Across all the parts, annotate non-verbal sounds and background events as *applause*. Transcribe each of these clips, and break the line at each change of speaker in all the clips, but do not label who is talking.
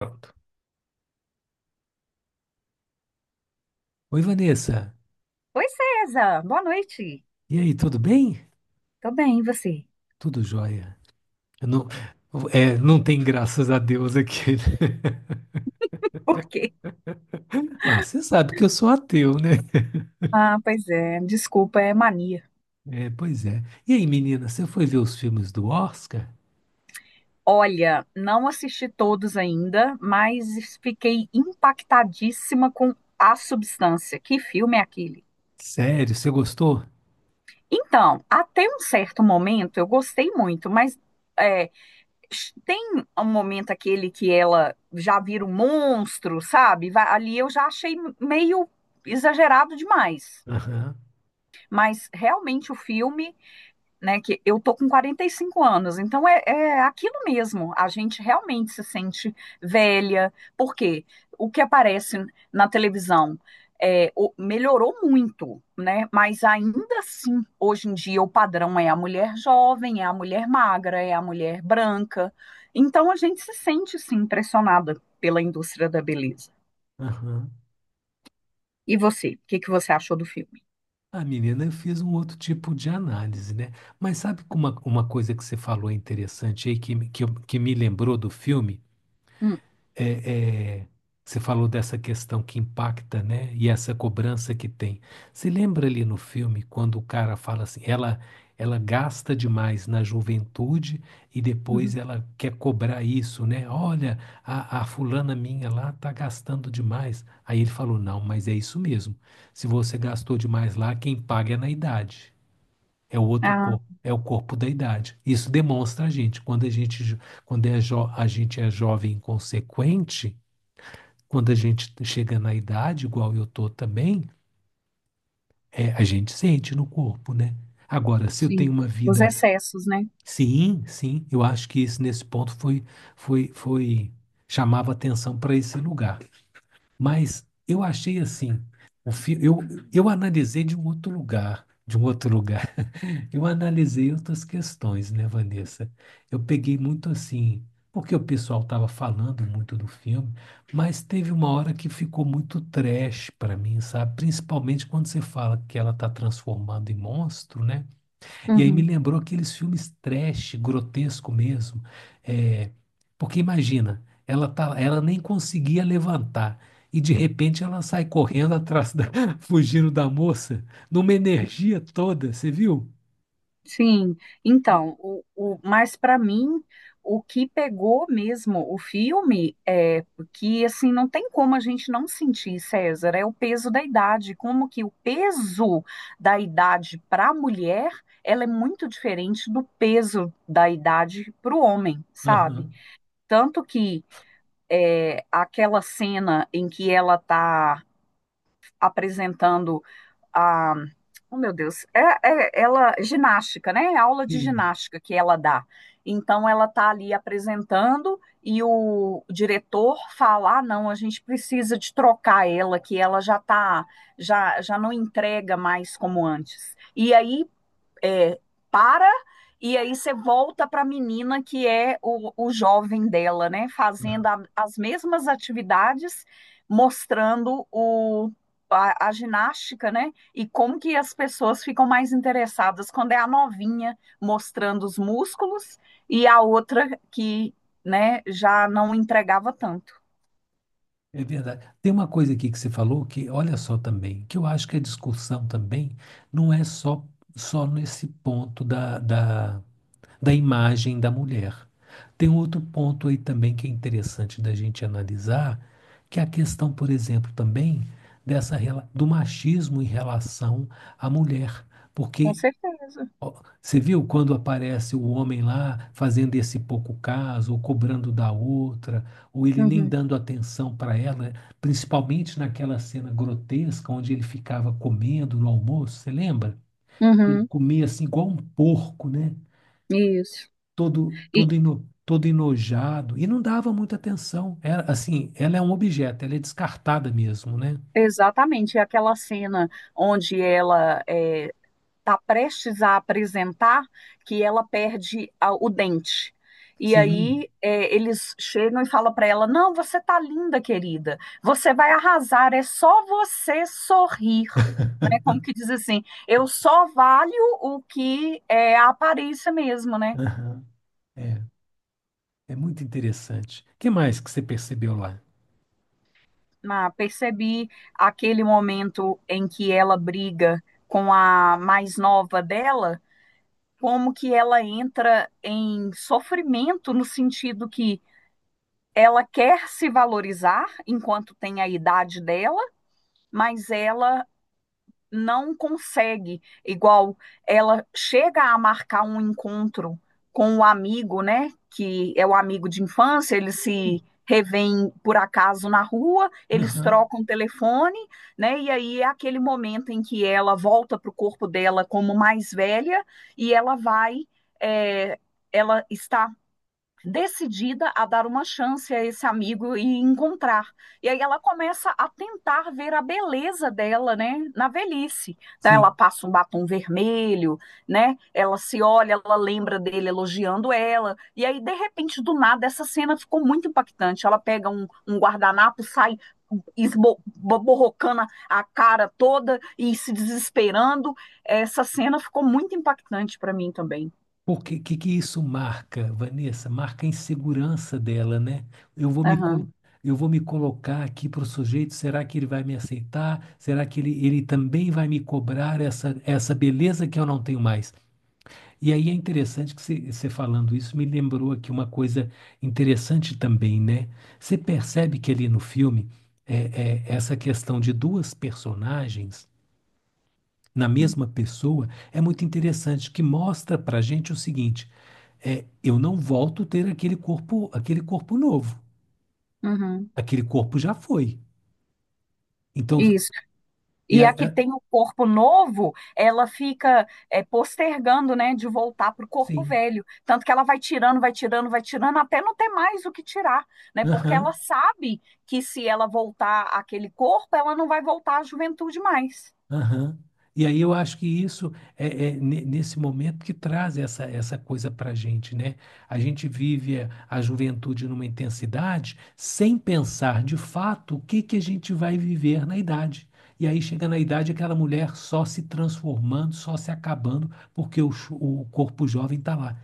Pronto. Oi, Vanessa.
Oi, César. Boa noite.
E aí, tudo bem?
Tô bem, e você?
Tudo jóia. Eu não, não tem graças a Deus aqui, né? *laughs*
Por quê?
Ah, você sabe que eu sou ateu, né?
Ah, pois é. Desculpa, é mania.
É, pois é. E aí, menina, você foi ver os filmes do Oscar?
Olha, não assisti todos ainda, mas fiquei impactadíssima com A Substância. Que filme é aquele?
Sério, você gostou?
Então, até um certo momento eu gostei muito, mas é, tem um momento aquele que ela já vira um monstro, sabe? Ali eu já achei meio exagerado demais.
Aham,
Mas realmente o filme, né, que eu tô com 45 anos, então é aquilo mesmo, a gente realmente se sente velha, porque o que aparece na televisão melhorou muito, né, mas ainda assim, hoje em dia, o padrão é a mulher jovem, é a mulher magra, é a mulher branca, então a gente se sente, sim, impressionada pela indústria da beleza.
aham.
E você, o que que você achou do filme?
Ah, menina, eu fiz um outro tipo de análise, né? Mas sabe que uma coisa que você falou interessante aí, que me lembrou do filme?
Hum.
é, é, Você falou dessa questão que impacta, né? E essa cobrança que tem. Se lembra ali no filme quando o cara fala assim, ela ela gasta demais na juventude e depois
Uhum.
ela quer cobrar isso, né? Olha, a fulana minha lá tá gastando demais. Aí ele falou, não, mas é isso mesmo. Se você gastou demais lá, quem paga é na idade. É o outro
Ah,
corpo, é o corpo da idade. Isso demonstra a gente, quando a gente é jovem inconsequente, quando a gente chega na idade, igual eu tô também, é, a gente sente no corpo, né? Agora, se eu tenho
sim,
uma
os
vida,
excessos, né?
sim, eu acho que isso nesse ponto foi, chamava atenção para esse lugar. Mas eu achei assim, o fi- eu, eu analisei de um outro lugar, de um outro lugar. Eu analisei outras questões, né, Vanessa? Eu peguei muito assim, porque o pessoal estava falando muito do filme, mas teve uma hora que ficou muito trash para mim, sabe? Principalmente quando você fala que ela tá transformando em monstro, né? E aí me
Uhum.
lembrou aqueles filmes trash, grotesco mesmo. É, porque imagina, ela nem conseguia levantar. E de repente ela sai correndo atrás da, *laughs* fugindo da moça, numa energia toda, você viu?
Sim, então, mas para mim, o que pegou mesmo o filme é que, assim, não tem como a gente não sentir, César, é o peso da idade, como que o peso da idade para a mulher, ela é muito diferente do peso da idade para o homem, sabe?
Aham,
Tanto que aquela cena em que ela está apresentando a, oh meu Deus, ela ginástica, né? É aula de
sim,
ginástica que ela dá. Então ela está ali apresentando e o diretor fala: "Ah, não, a gente precisa de trocar ela, que ela já tá, já já não entrega mais como antes". E aí, é, para, e aí você volta para a menina que é o jovem dela, né? Fazendo as mesmas atividades, mostrando a ginástica, né? E como que as pessoas ficam mais interessadas quando é a novinha mostrando os músculos e a outra que, né, já não entregava tanto.
é verdade. Tem uma coisa aqui que você falou que, olha só também, que eu acho que a discussão também não é só nesse ponto da imagem da mulher. Tem outro ponto aí também que é interessante da gente analisar, que é a questão, por exemplo, também dessa do machismo em relação à mulher,
Com
porque
certeza.
ó, você viu quando aparece o homem lá fazendo esse pouco caso, ou cobrando da outra, ou ele nem
Uhum,
dando atenção para ela, né? Principalmente naquela cena grotesca onde ele ficava comendo no almoço, você lembra? Ele
uhum,
comia assim igual um porco, né?
isso. E
Todo enojado e não dava muita atenção. Era, assim, ela é um objeto, ela é descartada mesmo, né?
exatamente é aquela cena onde ela está prestes a apresentar que ela perde o dente. E
Sim.
aí, é, eles chegam e falam para ela: Não, você tá linda, querida. Você vai arrasar. É só você sorrir. Né? Como que diz assim? Eu só valho o que é a aparência mesmo, né?
Aham. É, é muito interessante. O que mais que você percebeu lá?
Ah, percebi aquele momento em que ela briga com a mais nova dela, como que ela entra em sofrimento no sentido que ela quer se valorizar enquanto tem a idade dela, mas ela não consegue. Igual ela chega a marcar um encontro com o amigo, né? Que é o amigo de infância. Ele se revêm por acaso na rua, eles
Aham.
trocam telefone, né? E aí é aquele momento em que ela volta para o corpo dela como mais velha e ela vai. é, Ela está decidida a dar uma chance a esse amigo e encontrar. E aí ela começa a tentar ver a beleza dela, né, na velhice. Então ela
Sim.
passa um batom vermelho, né? Ela se olha, ela lembra dele elogiando ela. E aí de repente do nada essa cena ficou muito impactante. Ela pega um guardanapo, sai borrocando a cara toda e se desesperando. Essa cena ficou muito impactante para mim também.
Porque que isso marca, Vanessa? Marca a insegurança dela, né? Eu vou me, colo-
Uhum.
eu vou me colocar aqui para o sujeito, será que ele vai me aceitar? Será que ele também vai me cobrar essa beleza que eu não tenho mais? E aí é interessante que você falando isso me lembrou aqui uma coisa interessante também, né? Você percebe que ali no filme, é, essa questão de duas personagens na mesma pessoa é muito interessante, que mostra para gente o seguinte: é, eu não volto a ter aquele corpo novo.
Uhum.
Aquele corpo já foi. Então,
Isso.
e
E a
aí,
que
é,
tem o corpo novo, ela fica, é, postergando, né, de voltar para o corpo
sim.
velho. Tanto que ela vai tirando, vai tirando, vai tirando, até não ter mais o que tirar, né? Porque ela
Aham.
sabe que se ela voltar àquele corpo, ela não vai voltar à juventude mais.
Aham. E aí eu acho que isso nesse momento que traz essa coisa para a gente, né? A gente vive a juventude numa intensidade sem pensar de fato o que que a gente vai viver na idade. E aí chega na idade aquela mulher só se transformando, só se acabando, porque o corpo jovem está lá,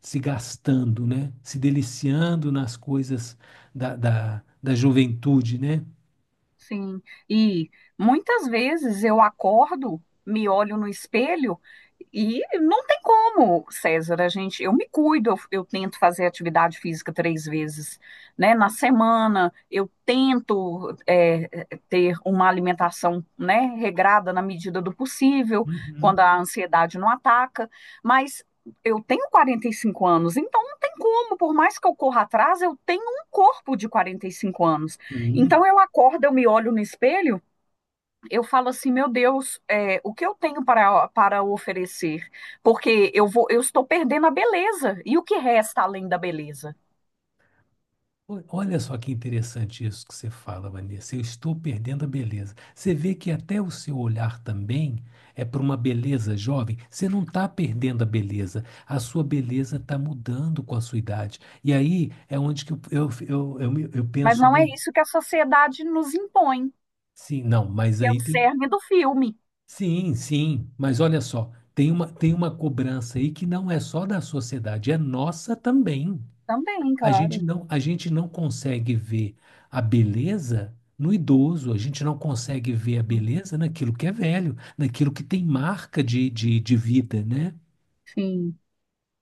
se gastando, né? Se deliciando nas coisas da juventude, né?
Sim, e muitas vezes eu acordo, me olho no espelho e não tem como, César, a gente, eu me cuido, eu tento fazer atividade física 3 vezes, né, na semana, eu tento, é, ter uma alimentação, né, regrada na medida do possível, quando
Uhum.
a ansiedade não ataca, mas eu tenho 45 anos, então não tem como, por mais que eu corra atrás, eu tenho um corpo de 45 anos.
Sim.
Então eu acordo, eu me olho no espelho, eu falo assim, meu Deus, é, o que eu tenho para, para oferecer? Porque eu vou, eu estou perdendo a beleza. E o que resta além da beleza?
Olha só que interessante isso que você fala, Vanessa. Eu estou perdendo a beleza. Você vê que até o seu olhar também é para uma beleza jovem. Você não está perdendo a beleza. A sua beleza está mudando com a sua idade. E aí é onde que eu
Mas
penso
não é
muito.
isso que a sociedade nos impõe,
Sim, não, mas
que é o
aí tem.
cerne do filme.
Sim, sim. Mas olha só, tem uma cobrança aí que não é só da sociedade, é nossa também.
Também,
A gente
claro.
a gente não consegue ver a beleza no idoso, a gente não consegue ver a beleza naquilo que é velho, naquilo que tem marca de vida, né?
Sim.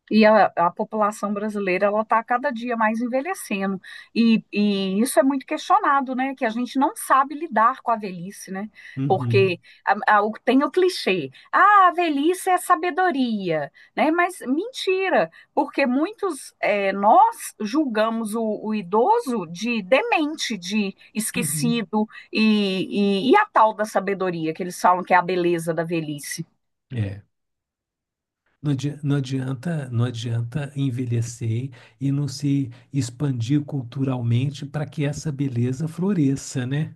E a população brasileira ela está cada dia mais envelhecendo. E isso é muito questionado, né? Que a gente não sabe lidar com a velhice, né?
Uhum,
Porque tem o clichê, ah, a velhice é sabedoria, né? Mas mentira, porque muitos, é, nós julgamos o idoso de demente, de
uhum.
esquecido, e a tal da sabedoria que eles falam que é a beleza da velhice.
É. Não adianta envelhecer e não se expandir culturalmente para que essa beleza floresça, né?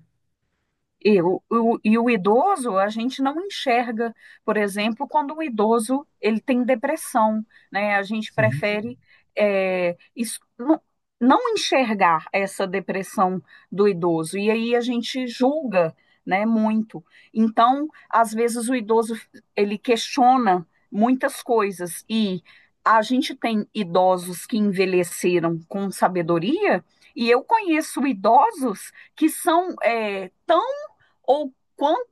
E o idoso, a gente não enxerga, por exemplo, quando o idoso ele tem depressão, né? A gente
Sim,
prefere, não, não enxergar essa depressão do idoso, e aí a gente julga, né, muito. Então, às vezes o idoso ele questiona muitas coisas, e a gente tem idosos que envelheceram com sabedoria, e eu conheço idosos que são, é, tão ou quanto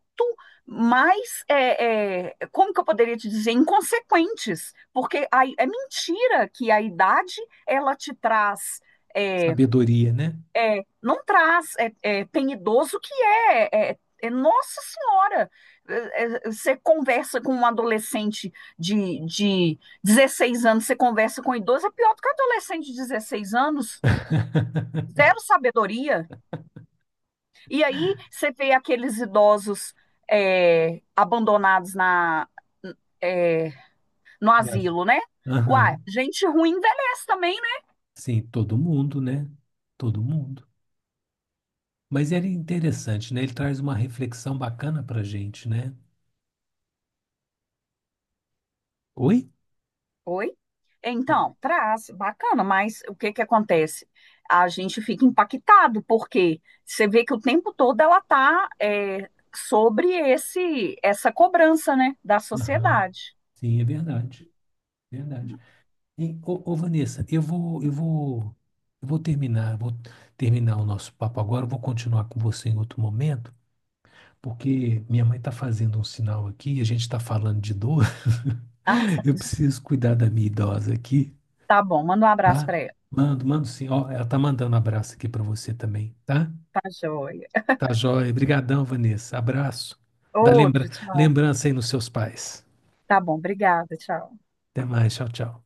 mais, como que eu poderia te dizer, inconsequentes, porque é mentira que a idade ela te traz, é,
sabedoria, né?
não traz, tem idoso que Nossa Senhora. Você conversa com um adolescente de 16 anos, você conversa com um idoso, é pior do que um adolescente de 16 anos,
*laughs*
zero sabedoria. E aí você vê aqueles idosos, abandonados na, é, no
Yes.
asilo, né? Uai,
Aham.
gente ruim envelhece também, né?
Sim, todo mundo, né? Todo mundo. Mas ele é interessante, né? Ele traz uma reflexão bacana pra gente, né? Oi?
Oi?
Ah,
Então, traz, bacana, mas o que que acontece? A gente fica impactado, porque você vê que o tempo todo ela tá, é, sobre esse essa cobrança, né, da
aham.
sociedade.
Sim, é verdade. Verdade. E, Vanessa, eu vou terminar o nosso papo agora, eu vou continuar com você em outro momento, porque minha mãe está fazendo um sinal aqui, a gente está falando de dor. *laughs*
Ah,
Eu preciso cuidar da minha idosa aqui,
tá bom, manda um abraço
tá?
para ela.
Mando, mando sim. Ó, ela tá mandando um abraço aqui para você também, tá?
Tá joia.
Tá joia. Obrigadão, Vanessa. Abraço. Dá
Outro, tchau.
lembrança aí nos seus pais.
Tá bom, obrigada, tchau.
Até mais. Tchau, tchau.